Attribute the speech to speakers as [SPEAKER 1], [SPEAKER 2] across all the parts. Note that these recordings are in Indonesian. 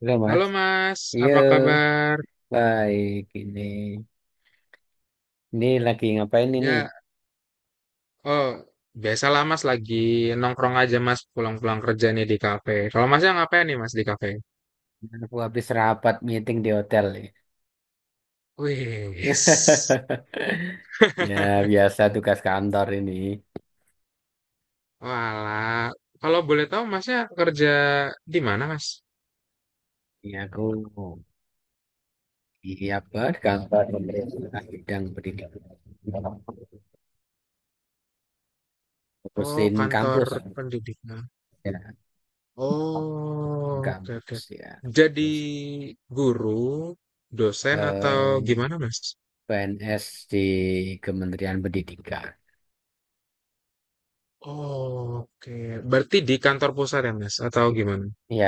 [SPEAKER 1] Halo
[SPEAKER 2] Halo
[SPEAKER 1] Mas,
[SPEAKER 2] Mas,
[SPEAKER 1] iya
[SPEAKER 2] apa kabar?
[SPEAKER 1] baik ini. Ini lagi ngapain ini?
[SPEAKER 2] Ya, oh, biasalah Mas lagi nongkrong aja Mas pulang-pulang kerja nih di kafe. Kalau Masnya ngapain nih Mas di kafe?
[SPEAKER 1] Aku habis rapat meeting di hotel nih.
[SPEAKER 2] Wis.
[SPEAKER 1] Ya biasa tugas kantor ini.
[SPEAKER 2] Walah, kalau boleh tahu Masnya kerja di mana Mas?
[SPEAKER 1] Ini aku di apa di kantor pemerintah bidang pendidikan.
[SPEAKER 2] Oh,
[SPEAKER 1] Ngurusin
[SPEAKER 2] kantor
[SPEAKER 1] kampus.
[SPEAKER 2] pendidikan.
[SPEAKER 1] Ya,
[SPEAKER 2] Oh, oke oke.
[SPEAKER 1] kampus ya.
[SPEAKER 2] Jadi
[SPEAKER 1] Terus,
[SPEAKER 2] guru, dosen atau
[SPEAKER 1] eh,
[SPEAKER 2] gimana Mas?
[SPEAKER 1] PNS di Kementerian Pendidikan.
[SPEAKER 2] Oh, oke. Berarti di kantor pusat ya Mas atau gimana?
[SPEAKER 1] Ya,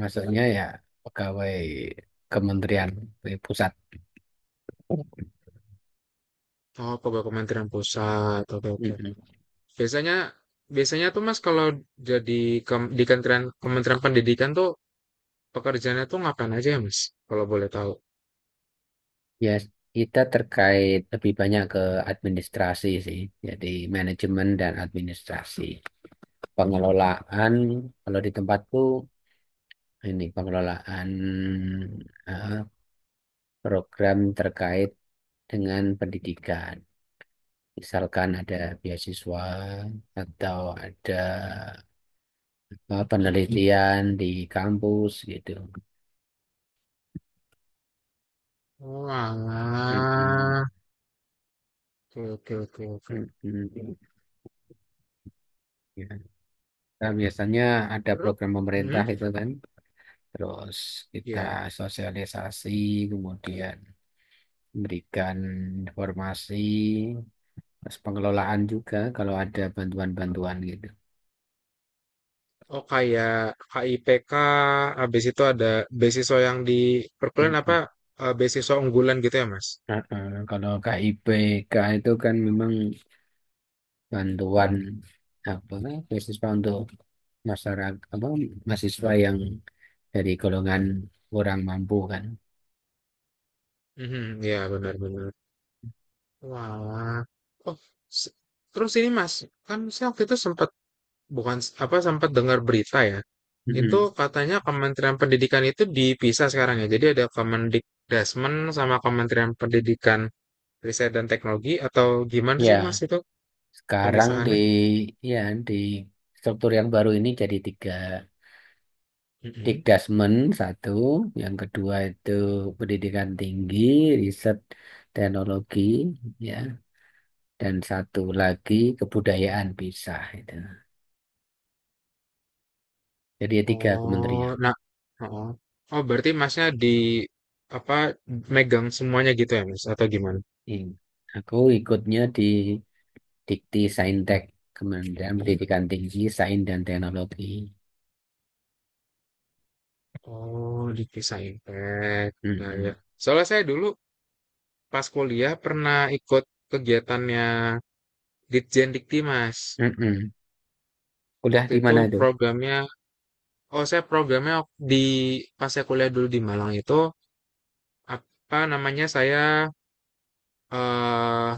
[SPEAKER 1] maksudnya ya pegawai kementerian pusat.
[SPEAKER 2] Oh, pegawai Kementerian Pusat. Oke, oke.
[SPEAKER 1] Mm-mm.
[SPEAKER 2] Biasanya biasanya tuh Mas kalau jadi di Kementerian Kementerian Pendidikan tuh pekerjaannya tuh ngapain aja ya, Mas? Kalau boleh tahu.
[SPEAKER 1] Ya, kita terkait lebih banyak ke administrasi sih. Jadi manajemen dan administrasi. Pengelolaan, kalau di tempatku ini pengelolaan eh, program terkait dengan pendidikan. Misalkan ada beasiswa atau ada penelitian di kampus gitu.
[SPEAKER 2] Wah,
[SPEAKER 1] Mm-mm.
[SPEAKER 2] oke oke oke oke.
[SPEAKER 1] Mm, mm, ya. Nah, biasanya ada
[SPEAKER 2] Terus,
[SPEAKER 1] program pemerintah
[SPEAKER 2] hmm,
[SPEAKER 1] itu kan, terus kita
[SPEAKER 2] ya.
[SPEAKER 1] sosialisasi, kemudian memberikan informasi, terus pengelolaan juga kalau ada bantuan-bantuan gitu.
[SPEAKER 2] Oh kayak KIPK, habis itu ada beasiswa yang di
[SPEAKER 1] Mm,
[SPEAKER 2] perkuliahan apa
[SPEAKER 1] mm.
[SPEAKER 2] beasiswa unggulan gitu ya Mas?
[SPEAKER 1] Ah, ah. Kalau KIPK itu kan memang bantuan apa beasiswa untuk masyarakat apa mahasiswa yang dari golongan kurang mampu kan.
[SPEAKER 2] Mhm, ya benar-benar. Wah, oh se- terus ini Mas, kan saya waktu itu sempat bukan apa sempat dengar berita ya.
[SPEAKER 1] Mm,
[SPEAKER 2] Itu
[SPEAKER 1] mm.
[SPEAKER 2] katanya Kementerian Pendidikan itu dipisah sekarang ya. Jadi ada Kemendikdasmen sama Kementerian Pendidikan Riset dan Teknologi atau gimana
[SPEAKER 1] Ya,
[SPEAKER 2] sih Mas itu
[SPEAKER 1] sekarang
[SPEAKER 2] pemisahannya?
[SPEAKER 1] ya di struktur yang baru ini jadi tiga.
[SPEAKER 2] Mm-mm.
[SPEAKER 1] Dikdasmen satu, yang kedua itu pendidikan tinggi, riset teknologi, ya, dan satu lagi kebudayaan pisah itu. Jadi ya tiga
[SPEAKER 2] Oh,
[SPEAKER 1] kementerian.
[SPEAKER 2] nah, oh, oh berarti Masnya di apa megang semuanya gitu ya Mas atau gimana?
[SPEAKER 1] Ini. Aku ikutnya di Dikti Saintek, Kementerian Pendidikan Tinggi, Sains dan Teknologi.
[SPEAKER 2] Oh, dipisah impact. Nah ya,
[SPEAKER 1] Mm-mm.
[SPEAKER 2] soalnya saya dulu pas kuliah pernah ikut kegiatannya Ditjen Dikti Mas.
[SPEAKER 1] Mm-mm. Udah
[SPEAKER 2] Waktu
[SPEAKER 1] di
[SPEAKER 2] itu
[SPEAKER 1] mana itu?
[SPEAKER 2] programnya, oh saya programnya di pas saya kuliah dulu di Malang itu apa namanya saya eh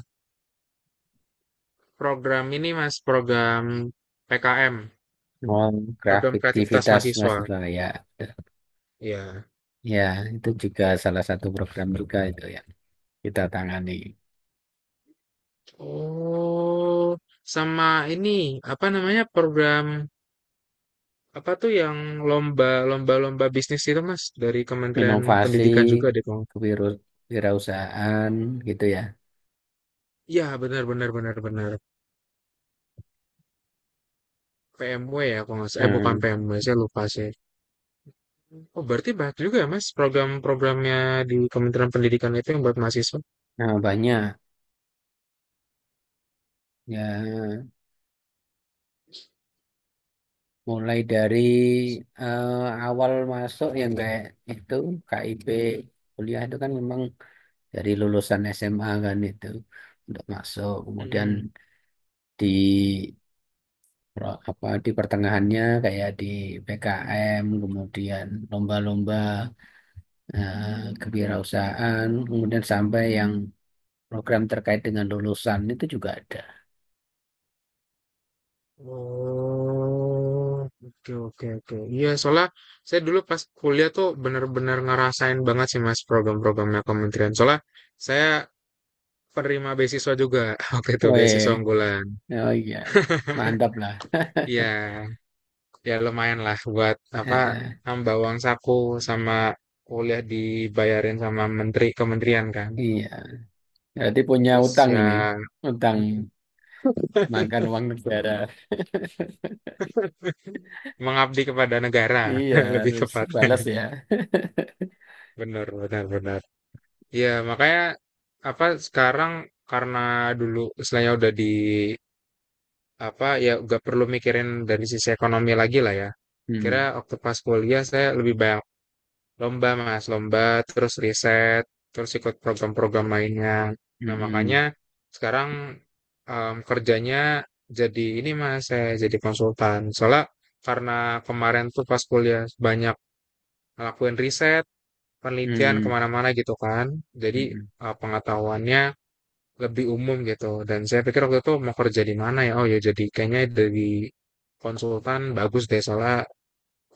[SPEAKER 2] program ini mas program PKM,
[SPEAKER 1] Oh,
[SPEAKER 2] program kreativitas
[SPEAKER 1] kreativitas
[SPEAKER 2] mahasiswa.
[SPEAKER 1] mahasiswa ya.
[SPEAKER 2] Ya.
[SPEAKER 1] Ya, itu juga salah satu program juga itu yang kita tangani.
[SPEAKER 2] Oh, sama ini apa namanya program apa tuh yang lomba lomba lomba bisnis itu mas dari Kementerian
[SPEAKER 1] Inovasi,
[SPEAKER 2] Pendidikan juga deh kalau.
[SPEAKER 1] kewiru- kewirausahaan gitu ya.
[SPEAKER 2] Ya benar benar benar benar. PMW ya kalau nggak salah. Eh bukan
[SPEAKER 1] Nah,
[SPEAKER 2] PMW saya lupa sih. Oh, berarti banyak juga ya, Mas, program-programnya di Kementerian Pendidikan itu yang buat mahasiswa.
[SPEAKER 1] nah, banyak ya mulai dari eh, awal masuk yang kayak itu KIP kuliah itu kan memang dari lulusan SMA kan itu untuk masuk, kemudian
[SPEAKER 2] Mm-mm.
[SPEAKER 1] di apa di pertengahannya kayak di PKM, kemudian lomba-lomba kewirausahaan, kemudian sampai yang program terkait dengan lulusan itu juga ada.
[SPEAKER 2] Oh, oke, oke, oke. Iya, soalnya saya dulu pas kuliah tuh bener-bener ngerasain banget sih, Mas, program-programnya Kementerian. Soalnya saya penerima beasiswa juga waktu itu,
[SPEAKER 1] Weh,
[SPEAKER 2] beasiswa unggulan.
[SPEAKER 1] oh iya, mantap lah.
[SPEAKER 2] Iya, ya lumayan lah buat apa
[SPEAKER 1] Eh, eh,
[SPEAKER 2] nambah uang saku sama kuliah dibayarin sama menteri kementerian kan.
[SPEAKER 1] iya, berarti punya
[SPEAKER 2] Terus
[SPEAKER 1] utang
[SPEAKER 2] ya,
[SPEAKER 1] ini, utang makan uang negara.
[SPEAKER 2] mengabdi kepada negara
[SPEAKER 1] Iya,
[SPEAKER 2] lebih
[SPEAKER 1] harus balas
[SPEAKER 2] tepatnya
[SPEAKER 1] ya.
[SPEAKER 2] benar benar benar. Ya makanya apa sekarang, karena dulu istilahnya udah di apa ya, gak perlu mikirin dari sisi ekonomi lagi lah ya, kira
[SPEAKER 1] Hmm,
[SPEAKER 2] waktu pas kuliah saya lebih banyak lomba mas lomba, terus riset, terus ikut program-program lainnya.
[SPEAKER 1] hmm,
[SPEAKER 2] Nah makanya
[SPEAKER 1] hmm,
[SPEAKER 2] sekarang kerjanya jadi ini mas, saya jadi konsultan, soalnya karena kemarin tuh pas kuliah banyak ngelakuin riset penelitian
[SPEAKER 1] hmm,
[SPEAKER 2] kemana-mana gitu kan. Jadi
[SPEAKER 1] hmm, hmm,
[SPEAKER 2] pengetahuannya lebih umum gitu. Dan saya pikir waktu itu mau kerja di mana ya? Oh ya jadi kayaknya dari konsultan bagus deh soalnya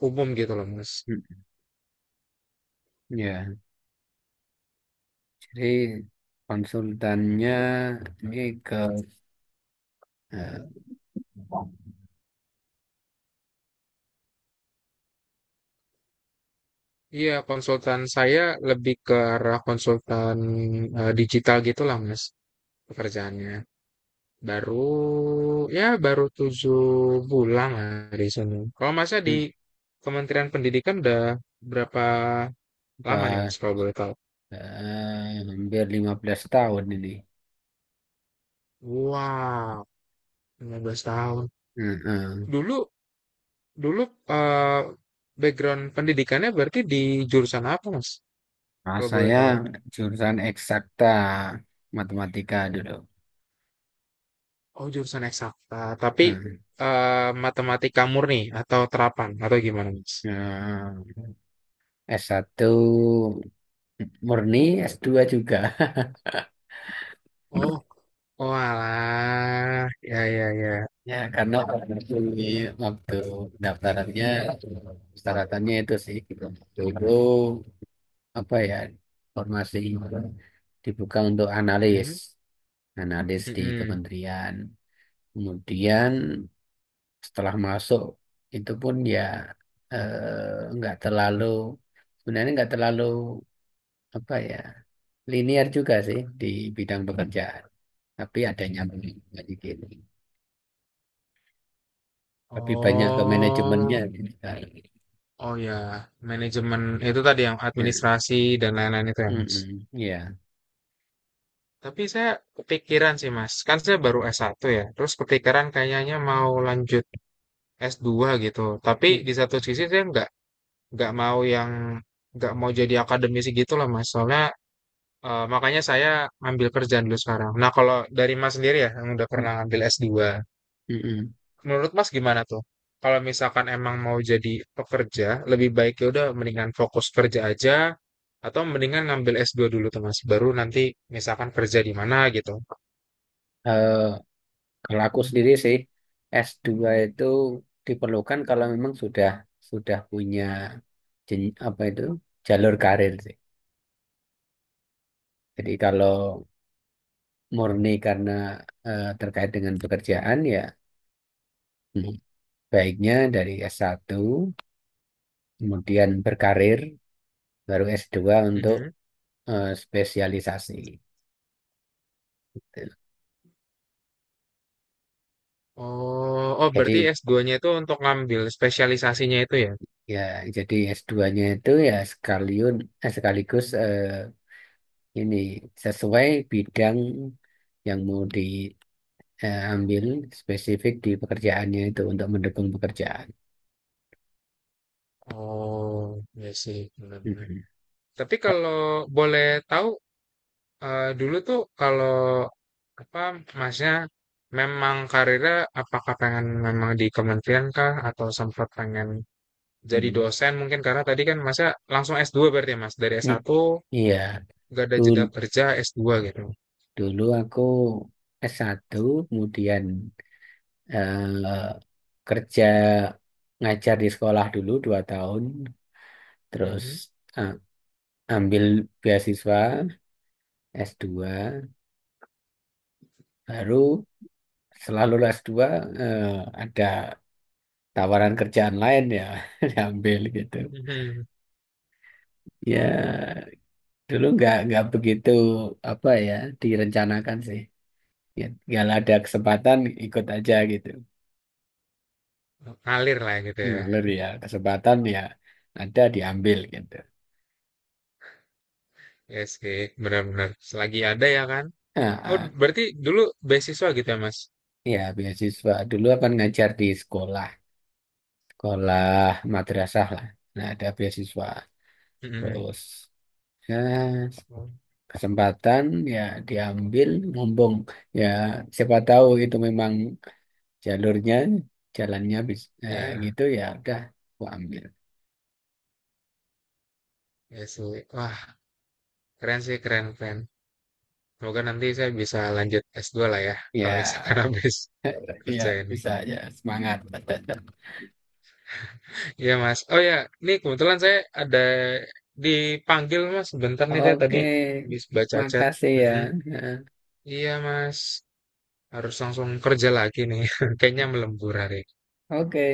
[SPEAKER 2] umum gitu loh Mas.
[SPEAKER 1] hmm. Ya, jadi konsultannya ini ke eh,
[SPEAKER 2] Iya konsultan saya lebih ke arah konsultan digital gitulah Mas pekerjaannya. Baru ya baru 7 bulan lah di sini. Kalau Masnya di
[SPEAKER 1] hmm,
[SPEAKER 2] Kementerian Pendidikan udah berapa lama nih
[SPEAKER 1] ke
[SPEAKER 2] Mas kalau boleh tahu?
[SPEAKER 1] Eh, hampir 15 tahun ini.
[SPEAKER 2] Wow, 15 tahun.
[SPEAKER 1] Heeh.
[SPEAKER 2] Dulu dulu eh, background pendidikannya berarti di jurusan apa, Mas?
[SPEAKER 1] Nah,
[SPEAKER 2] Kalau boleh
[SPEAKER 1] saya
[SPEAKER 2] tahu.
[SPEAKER 1] jurusan eksakta matematika dulu.
[SPEAKER 2] Oh, jurusan eksakta, tapi
[SPEAKER 1] Hmm.
[SPEAKER 2] matematika murni atau terapan atau gimana, Mas?
[SPEAKER 1] Nah, S1 murni, S2 juga.
[SPEAKER 2] Oh, oh alah. Ya ya ya.
[SPEAKER 1] Ya, karena waktu daftarannya, persyaratannya itu sih. Gitu. Dulu, apa ya, formasi dibuka untuk
[SPEAKER 2] Mm-mm,
[SPEAKER 1] analis. Analis di
[SPEAKER 2] mm-mm.
[SPEAKER 1] kementerian. Kemudian setelah masuk itu pun ya nggak terlalu, sebenarnya nggak terlalu apa ya linear juga sih di bidang pekerjaan, tapi ada nyambungnya dikit tapi banyak ke manajemennya
[SPEAKER 2] Oh,
[SPEAKER 1] gitu kan.
[SPEAKER 2] oh ya, manajemen itu tadi yang
[SPEAKER 1] Eh,
[SPEAKER 2] administrasi dan lain-lain itu ya, Mas.
[SPEAKER 1] mm-mm, iya.
[SPEAKER 2] Tapi saya kepikiran sih, Mas. Kan saya baru S1 ya. Terus kepikiran kayaknya mau lanjut S2 gitu. Tapi
[SPEAKER 1] Mm,
[SPEAKER 2] di satu sisi saya nggak mau yang nggak mau jadi akademisi gitu lah Mas. Soalnya makanya saya ambil kerjaan dulu sekarang. Nah, kalau dari Mas sendiri ya yang udah
[SPEAKER 1] mm,
[SPEAKER 2] pernah ambil S2,
[SPEAKER 1] mm-mm.
[SPEAKER 2] menurut Mas gimana tuh? Kalau misalkan emang mau jadi pekerja, lebih baik ya udah mendingan fokus kerja aja atau mendingan ngambil S2 dulu tuh Mas, baru nanti misalkan kerja di mana gitu.
[SPEAKER 1] Eh, Kalau aku sendiri sih, S2 itu diperlukan kalau memang sudah punya apa itu jalur karir sih. Jadi kalau murni karena terkait dengan pekerjaan ya, hmm, baiknya dari S1 kemudian berkarir, baru S2 untuk
[SPEAKER 2] Mhm.
[SPEAKER 1] spesialisasi.
[SPEAKER 2] Oh,
[SPEAKER 1] Jadi
[SPEAKER 2] berarti S2-nya itu untuk ngambil spesialisasinya itu ya?
[SPEAKER 1] ya jadi S2-nya itu ya sekalian, sekaligus ini sesuai bidang yang mau diambil spesifik di pekerjaannya itu untuk mendukung pekerjaan.
[SPEAKER 2] Oh, ya sih, benar-benar.
[SPEAKER 1] Mhm.
[SPEAKER 2] Tapi kalau boleh tahu, dulu tuh kalau apa masnya memang karirnya apakah pengen memang di kementerian kah atau sempat pengen jadi
[SPEAKER 1] Mhm.
[SPEAKER 2] dosen mungkin karena tadi kan masnya langsung S2 berarti ya, Mas. Dari s
[SPEAKER 1] I-
[SPEAKER 2] satu
[SPEAKER 1] Iya,
[SPEAKER 2] gak ada
[SPEAKER 1] dulu
[SPEAKER 2] jeda kerja S2 gitu.
[SPEAKER 1] Dulu aku S1, kemudian eh, kerja ngajar di sekolah dulu 2 tahun, terus
[SPEAKER 2] Mhm.
[SPEAKER 1] eh, ambil beasiswa S2, baru selalu S2 eh, ada tawaran kerjaan lain ya, diambil gitu.
[SPEAKER 2] Mhm.
[SPEAKER 1] Ya, dulu nggak begitu apa ya direncanakan sih. Ya, nggak ada kesempatan, ikut aja gitu.
[SPEAKER 2] Ngalir lah gitu ya.
[SPEAKER 1] Ngalir ya, kesempatan ya ada diambil gitu.
[SPEAKER 2] Ya sih, benar-benar. Selagi ada ya kan.
[SPEAKER 1] Nah,
[SPEAKER 2] Oh,
[SPEAKER 1] ah,
[SPEAKER 2] berarti dulu beasiswa gitu ya, Mas.
[SPEAKER 1] ya beasiswa dulu kan ngajar di sekolah, sekolah madrasah lah, nah ada beasiswa,
[SPEAKER 2] Mhm.
[SPEAKER 1] terus ya
[SPEAKER 2] Oh,
[SPEAKER 1] kesempatan ya diambil, ngomong ya siapa tahu itu memang jalurnya, jalannya bisa
[SPEAKER 2] ya.
[SPEAKER 1] gitu, ya udah gua ambil
[SPEAKER 2] Iya sih. Wah, keren sih, keren, keren. Semoga nanti saya bisa lanjut S2 lah ya, kalau misalkan
[SPEAKER 1] ya.
[SPEAKER 2] habis kerja
[SPEAKER 1] Ya
[SPEAKER 2] ini.
[SPEAKER 1] bisa, ya semangat.
[SPEAKER 2] Iya, Mas. Oh ya, ini kebetulan saya ada dipanggil, Mas. Bentar nih saya tadi
[SPEAKER 1] Oke,
[SPEAKER 2] habis baca chat.
[SPEAKER 1] makasih ya.
[SPEAKER 2] Mm-mm. Iya, Mas. Harus langsung kerja lagi nih. Kayaknya
[SPEAKER 1] Ya.
[SPEAKER 2] melembur hari
[SPEAKER 1] Oke,